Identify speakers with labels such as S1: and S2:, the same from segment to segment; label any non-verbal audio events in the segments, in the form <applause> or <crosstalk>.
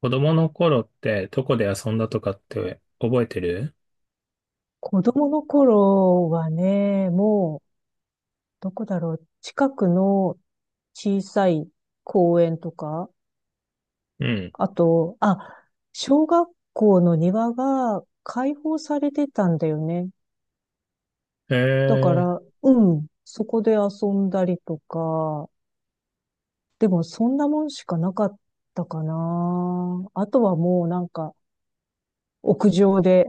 S1: 子供の頃ってどこで遊んだとかって覚えてる？
S2: 子供の頃はね、どこだろう、近くの小さい公園とか、
S1: うん。
S2: あと、小学校の庭が開放されてたんだよね。
S1: え
S2: だか
S1: ー。
S2: ら、うん、そこで遊んだりとか、でもそんなもんしかなかったかな。あとはもうなんか、屋上で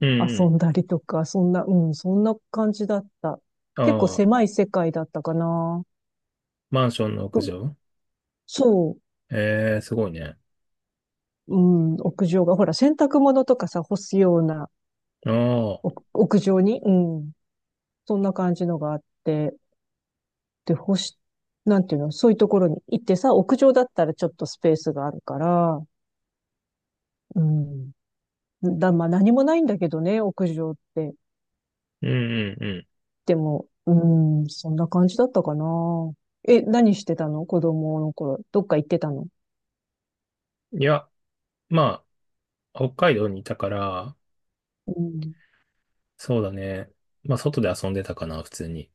S1: う
S2: 遊
S1: ん
S2: んだりとか、そんな、うん、そんな感じだった。
S1: う
S2: 結構
S1: ん。ああ、
S2: 狭い世界だったかな。
S1: マンションの屋上。
S2: そ
S1: えー、すごいね。
S2: う、うん、屋上が、ほら、洗濯物とかさ、干すような
S1: あ
S2: お
S1: あ、
S2: 屋上に、うん、そんな感じのがあって、で、干し、なんていうの、そういうところに行ってさ、屋上だったらちょっとスペースがあるから、うん、まあ何もないんだけどね、屋上って。
S1: うんうん
S2: でも、うん、そんな感じだったかな。え、何してたの子供の頃。どっか行ってたの？
S1: うん。いや、まあ、北海道にいたから、
S2: うん。
S1: そうだね。まあ、外で遊んでたかな、普通に。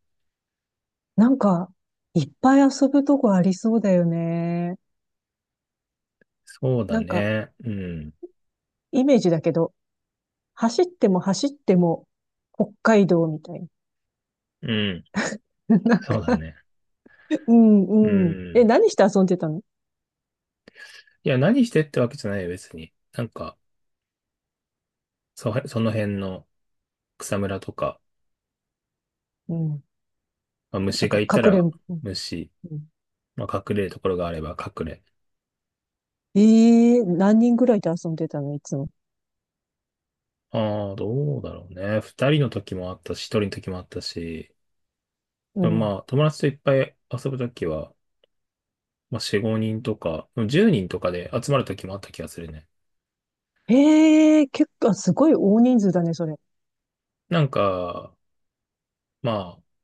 S2: なんか、いっぱい遊ぶとこありそうだよね。
S1: そうだ
S2: なんか、
S1: ね。うん。
S2: イメージだけど、走っても走っても北海道みたいな。
S1: うん。
S2: <laughs> なん
S1: そうだ
S2: か、
S1: ね。
S2: う
S1: う
S2: んうん。え、
S1: ん。
S2: 何して遊んでたの？
S1: いや、何してってわけじゃないよ、別に。なんか、その辺の草むらとか、
S2: うん。
S1: まあ、
S2: な
S1: 虫
S2: ん
S1: が
S2: か、
S1: い
S2: か
S1: た
S2: くれ
S1: ら、
S2: んぼ。うん
S1: 虫。
S2: うん。
S1: まあ、隠れるところがあれば隠れ。
S2: ええ、何人ぐらいで遊んでたのいつも。
S1: ああ、どうだろうね。二人の時もあったし、一人の時もあったし、
S2: う
S1: でも
S2: ん。
S1: まあ、友達といっぱい遊ぶ時は、まあ、四五人とか、でも十人とかで集まる時もあった気がするね。
S2: ええ、結構、すごい大人数だね、それ。
S1: なんか、まあ、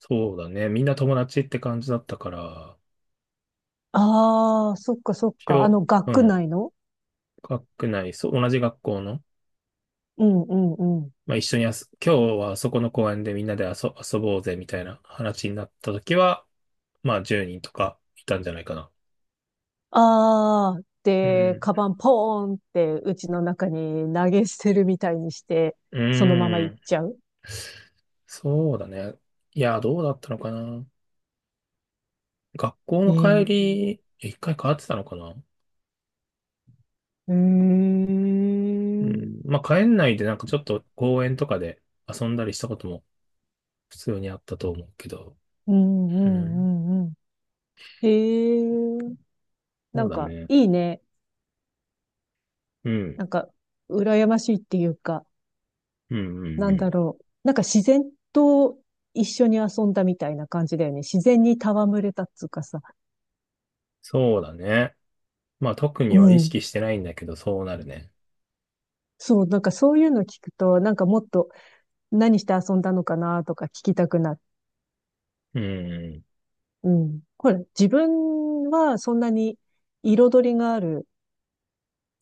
S1: そうだね。みんな友達って感じだったから、
S2: ああ、そっかそっか。あ
S1: 今日、
S2: の、学
S1: う
S2: 区
S1: ん、
S2: 内の？
S1: 学内、そう、同じ学校の、
S2: うんうんうん。
S1: まあ、一緒にあす、今日はそこの公園でみんなで遊ぼうぜみたいな話になった時は、まあ、10人とかいたんじゃないかな。
S2: ああ、
S1: う
S2: で、
S1: ん。
S2: カバンポーンって、うちの中に投げ捨てるみたいにして、
S1: う
S2: そのまま
S1: ー
S2: 行っ
S1: ん。
S2: ちゃう。
S1: そうだね。いや、どうだったのかな。学校の帰
S2: ええ、
S1: り、一回変わってたのかな。
S2: うー
S1: う
S2: ん。
S1: ん。まあ、帰んないでなんかちょっと公園とかで遊んだりしたことも普通にあったと思うけど。
S2: うんう
S1: うん。
S2: んうんうん。へえ、な
S1: そう
S2: ん
S1: だ
S2: か
S1: ね。
S2: いいね。
S1: うん。
S2: なんか羨ましいっていうか、
S1: うんうん
S2: な
S1: う
S2: んだ
S1: ん。
S2: ろう。なんか自然と一緒に遊んだみたいな感じだよね。自然に戯れたっつうかさ。
S1: そうだね。まあ、特
S2: う
S1: には意
S2: ん。
S1: 識してないんだけど、そうなるね。
S2: そう、なんかそういうの聞くと、なんかもっと何して遊んだのかなとか聞きたくなる。
S1: うん。
S2: うん。ほら、自分はそんなに彩りがある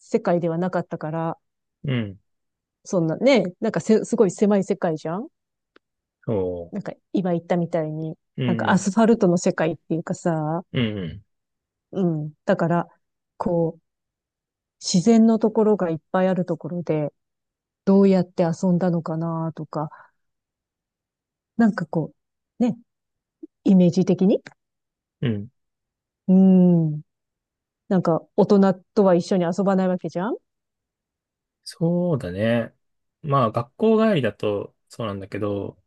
S2: 世界ではなかったから、
S1: うん。
S2: そんなね、なんかせ、すごい狭い世界じゃん。
S1: そ
S2: なんか今言ったみたいに、
S1: う。う
S2: なんかア
S1: ん。
S2: スファルトの世界っていうかさ、
S1: うん。
S2: うん。だから、こう、自然のところがいっぱいあるところで、どうやって遊んだのかなとか、なんかこう、ね、イメージ的に。
S1: うん。うん
S2: うん。なんか、大人とは一緒に遊ばないわけじゃん。
S1: そうだね。まあ、学校帰りだとそうなんだけど、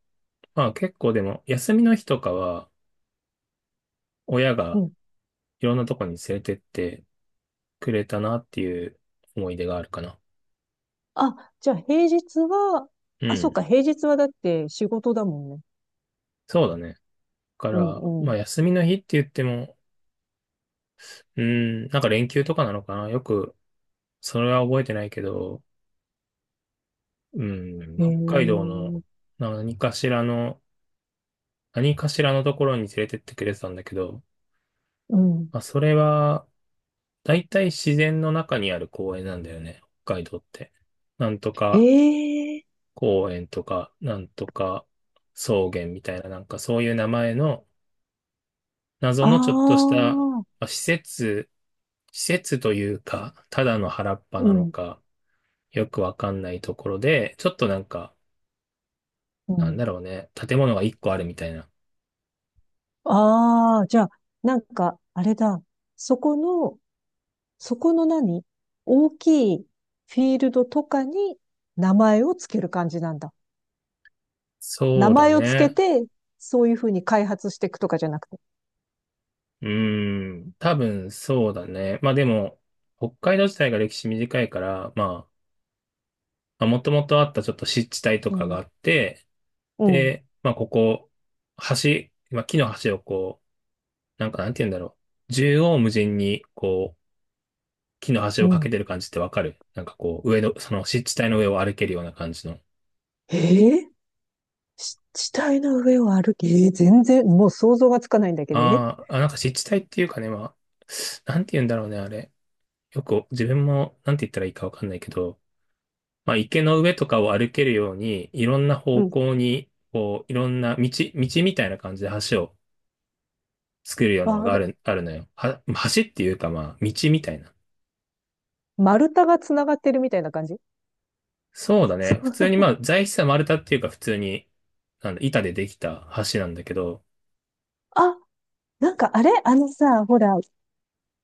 S1: まあ結構でも、休みの日とかは、親
S2: う
S1: が
S2: ん。
S1: いろんなとこに連れてってくれたなっていう思い出があるかな。
S2: あ、じゃあ平日は、
S1: う
S2: あ、そっ
S1: ん。
S2: か、平日はだって仕事だもんね。
S1: そうだね。だか
S2: う
S1: ら、
S2: んう
S1: ま
S2: ん。
S1: あ休みの日って言っても、うん、なんか連休とかなのかな。よく、それは覚えてないけど、うん、
S2: へ
S1: 北海道の
S2: え。
S1: 何かしらの、何かしらのところに連れてってくれてたんだけど、
S2: うん。
S1: まあそれは、だいたい自然の中にある公園なんだよね。北海道って。なんと
S2: へ
S1: か
S2: え。
S1: 公園とか、なんとか草原みたいな、なんかそういう名前の謎
S2: あ
S1: のちょっとしたま
S2: あ。
S1: あ施設、施設というか、ただの原っぱ
S2: う
S1: なの
S2: ん。
S1: か、よくわかんないところで、ちょっとなんか、
S2: う
S1: なん
S2: ん。
S1: だろうね、建物が一個あるみたいな。
S2: ああ、じゃあ、なんか、あれだ。そこの、そこの大きいフィールドとかに名前をつける感じなんだ。名
S1: そうだ
S2: 前をつけ
S1: ね。
S2: て、そういうふうに開発していくとかじゃなくて。
S1: うーん、多分そうだね。まあでも、北海道自体が歴史短いから、まあ、もともとあったちょっと湿地帯と
S2: う
S1: かが
S2: ん。
S1: あって、
S2: うん。
S1: で、まあ、ここ、橋、まあ、木の橋をこう、なんかなんて言うんだろう。縦横無尽に、こう、木の橋
S2: う
S1: をかけ
S2: ん。
S1: てる感じってわかる、なんかこう、上の、その湿地帯の上を歩けるような感じの。
S2: えー、し地帯の上を歩き、えー、全然、もう想像がつかないんだけど、え、
S1: あーあ、なんか湿地帯っていうかね、まあ、なんて言うんだろうね、あれ。よく、自分も、なんて言ったらいいかわかんないけど、まあ、池の上とかを歩けるように、いろんな
S2: う
S1: 方
S2: ん。
S1: 向に、こう、いろんな道、道みたいな感じで橋を作るようなの
S2: あ、
S1: が
S2: だ
S1: あるのよ。は、橋っていうか、まあ、道みたいな。
S2: 丸太がつながってるみたいな感じ。
S1: そうだ
S2: <laughs> そ
S1: ね。普通
S2: う、
S1: にまあ、材質は丸太っていうか普通に、なんだ、板でできた橋なんだけど、
S2: あ、なんかあれあのさ、ほら、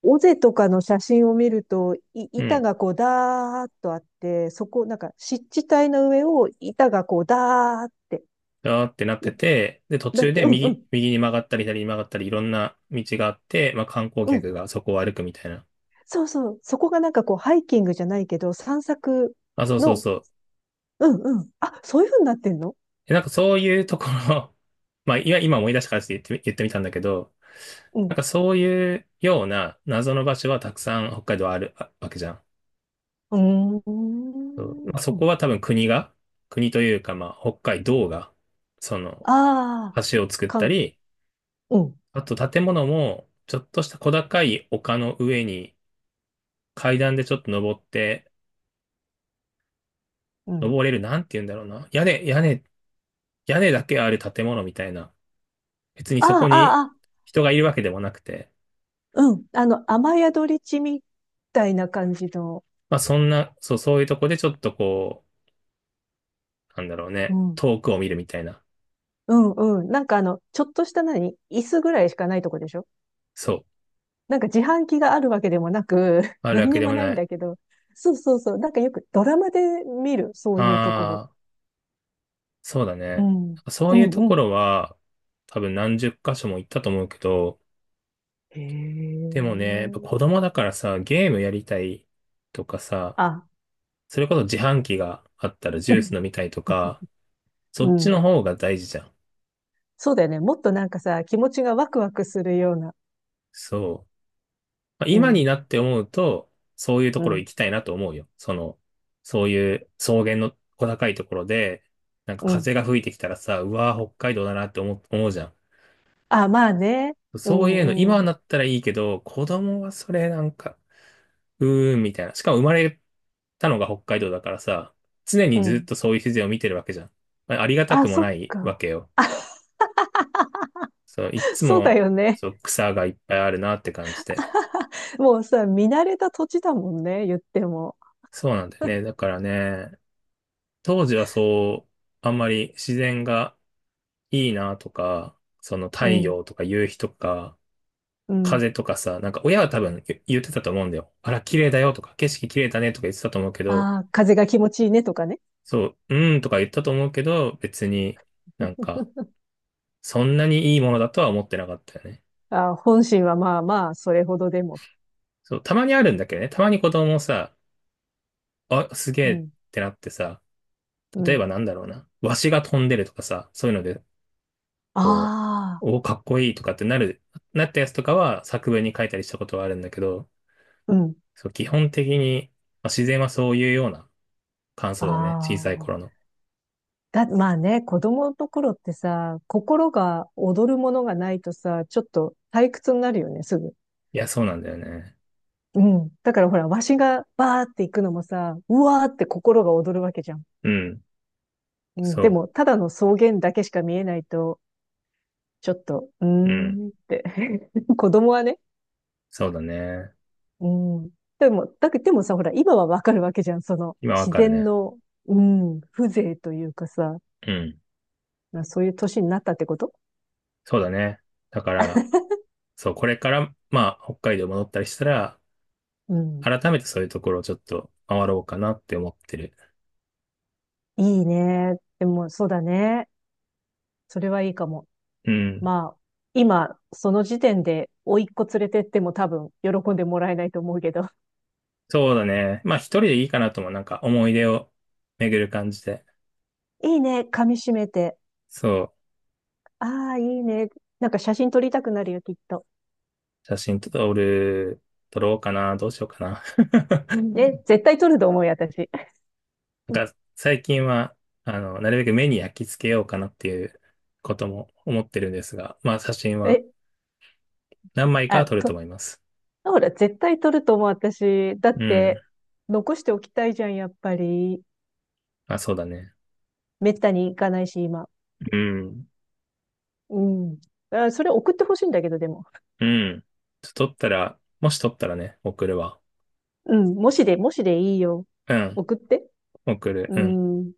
S2: 尾瀬とかの写真を見ると、
S1: う
S2: 板
S1: ん。
S2: がこうダーッとあって、そこ、なんか湿地帯の上を板がこうダーッて、
S1: だーってなって
S2: い、
S1: て、で、途
S2: だっ
S1: 中
S2: て、
S1: で
S2: うんうん、
S1: 右に曲がったり左に曲がったりいろんな道があって、まあ観光
S2: うん。
S1: 客がそこを歩くみたいな。
S2: そうそう。そこがなんかこうハイキングじゃないけど、散策
S1: あ、そうそう
S2: の、
S1: そう。
S2: うんうん。あ、そういうふうになってんの？
S1: え、なんかそういうところ <laughs> まあ、いや、今思い出したからちょっと言ってみたんだけど、
S2: う
S1: な
S2: ん。
S1: んかそういうような謎の場所はたくさん北海道あるあわけじゃん。
S2: う
S1: そう
S2: ー
S1: まあ、そこ
S2: ん。
S1: は多分国が、国というかまあ北海道が、その
S2: ああ、
S1: 橋を作っ
S2: か
S1: た
S2: ん、
S1: り、
S2: うん、
S1: あと建物も、ちょっとした小高い丘の上に階段でちょっと登って、
S2: うん。
S1: 登れる、なんて言うんだろうな。屋根だけある建物みたいな。別に
S2: あ
S1: そこ
S2: あ、ああ、
S1: に
S2: あ
S1: 人がいるわけでもなくて、
S2: うん。あの、雨宿り地みたいな感じの、
S1: まあそんな、そう、そういうとこでちょっとこう、なんだろう
S2: う
S1: ね、
S2: ん。
S1: 遠くを見るみたいな。
S2: うんうん。なんかあの、ちょっとした何椅子ぐらいしかないとこでしょ？
S1: そう。
S2: なんか自販機があるわけでもなく、<laughs>
S1: あるわ
S2: 何
S1: け
S2: に
S1: で
S2: も
S1: も
S2: ない
S1: な
S2: ん
S1: い。
S2: だけど。そうそうそう。なんかよくドラマで見る、そういうところ。
S1: ああ、そうだ
S2: う
S1: ね。
S2: ん。
S1: そ
S2: う
S1: ういう
S2: ん
S1: と
S2: う
S1: こ
S2: ん。
S1: ろは、多分何十箇所も行ったと思うけど、
S2: へ
S1: でもね、やっぱ子
S2: え。
S1: 供だからさ、ゲームやりたいとかさ、
S2: あ、
S1: それこそ自販機があったらジュース飲
S2: <laughs>
S1: みたいとか、そ
S2: う
S1: っち
S2: ん。
S1: の方が大事じゃん。
S2: そうだよね。もっとなんかさ、気持ちがワクワクするような。
S1: そう。まあ、
S2: う
S1: 今に
S2: ん、
S1: なって思うと、そういうと
S2: う
S1: ころ
S2: ん、
S1: 行きたいなと思うよ。その、そういう草原の小高いところで、なんか
S2: うん。
S1: 風が吹いてきたらさ、うわー北海道だなって思うじゃん。
S2: あ、まあね。う
S1: そういうの
S2: ん、う
S1: 今に
S2: ん、
S1: なったらいいけど、子供はそれなんか、うーん、みたいな。しかも生まれたのが北海道だからさ、常
S2: う
S1: にずっ
S2: ん。
S1: とそういう自然を見てるわけじゃん。まあ、ありがた
S2: あ、
S1: くも
S2: そっ
S1: ないわ
S2: か。
S1: けよ。そう、いっ
S2: <laughs>
S1: つ
S2: そうだ
S1: も、
S2: よね。
S1: そう、草がいっぱいあるなって感じで。
S2: もうさ、見慣れた土地だもんね、言っても。
S1: そうなんだよね。だからね、当時はそう、あんまり自然がいいなとか、その
S2: う
S1: 太
S2: ん。
S1: 陽とか夕日とか、
S2: うん。
S1: 風とかさ、なんか親は多分言ってたと思うんだよ。あら、綺麗だよとか、景色綺麗だねとか言ってたと思うけど、
S2: ああ、風が気持ちいいねとかね。
S1: そう、うーんとか言ったと思うけど、別になんか、
S2: <laughs>
S1: そんなにいいものだとは思ってなかったよね。
S2: あー、本心はまあまあ、それほどでも。
S1: そう、たまにあるんだけどね。たまに子供もさ、あ、すげ
S2: う
S1: えっ
S2: ん、
S1: てなってさ、
S2: う
S1: 例えば
S2: ん。
S1: なんだろうな。わしが飛んでるとかさ、そういうので、こ
S2: あ
S1: う、
S2: あ、
S1: お、かっこいいとかってなる、なったやつとかは作文に書いたりしたことはあるんだけど、
S2: うん。
S1: そう、基本的に、まあ、自然はそういうような感
S2: あ
S1: 想だね。小さい頃
S2: あ。
S1: の。
S2: だ、まあね、子供の頃ってさ、心が踊るものがないとさ、ちょっと退屈になるよね、すぐ。
S1: いや、そうなんだよね。
S2: うん。だからほら、わしがバーって行くのもさ、うわーって心が踊るわけじゃん。
S1: うん。
S2: うん。で
S1: そ
S2: も、ただの草原だけしか見えないと、ちょっと、うー
S1: う。うん。
S2: んって。<laughs> 子供はね、
S1: そうだね。
S2: うん。でも、だけど、でもさ、ほら、今はわかるわけじゃん。その、
S1: 今わ
S2: 自
S1: かる
S2: 然
S1: ね。
S2: の、うん、風情というかさ、
S1: うん。
S2: まあ、そういう年になったってこと？
S1: そうだね。だから、そう、これから、まあ、北海道戻ったりしたら、
S2: うん。
S1: 改めてそういうところをちょっと回ろうかなって思ってる。
S2: いいね。でも、そうだね。それはいいかも。
S1: うん。
S2: まあ、今、その時点で、甥っ子連れてっても多分、喜んでもらえないと思うけど。
S1: そうだね。まあ、一人でいいかなとも、なんか思い出を巡る感じで。
S2: いいね。噛み締めて。
S1: そう、
S2: ああ、いいね。なんか写真撮りたくなるよ、きっと。
S1: 写真撮る、撮ろうかな、どうしようかな。<laughs>
S2: ね、絶対撮ると思うよ、私。
S1: なんか、
S2: <laughs>
S1: 最近は、あの、なるべく目に焼き付けようかなっていうことも思ってるんですが、まあ、写真は
S2: え、
S1: 何枚かは
S2: あ、
S1: 撮ると
S2: と、
S1: 思います。
S2: ほら、絶対取ると思う、私。だっ
S1: うん。
S2: て、残しておきたいじゃん、やっぱり。
S1: あ、そうだね。
S2: めったに行かないし、今。
S1: うん。
S2: うん。あ、それ送ってほしいんだけど、でも。
S1: うん。ちょっと取ったら、もし取ったらね、送るわ。
S2: うん。もしで、もしでいいよ。
S1: うん。
S2: 送って。
S1: 送る。
S2: う
S1: うん。
S2: ん。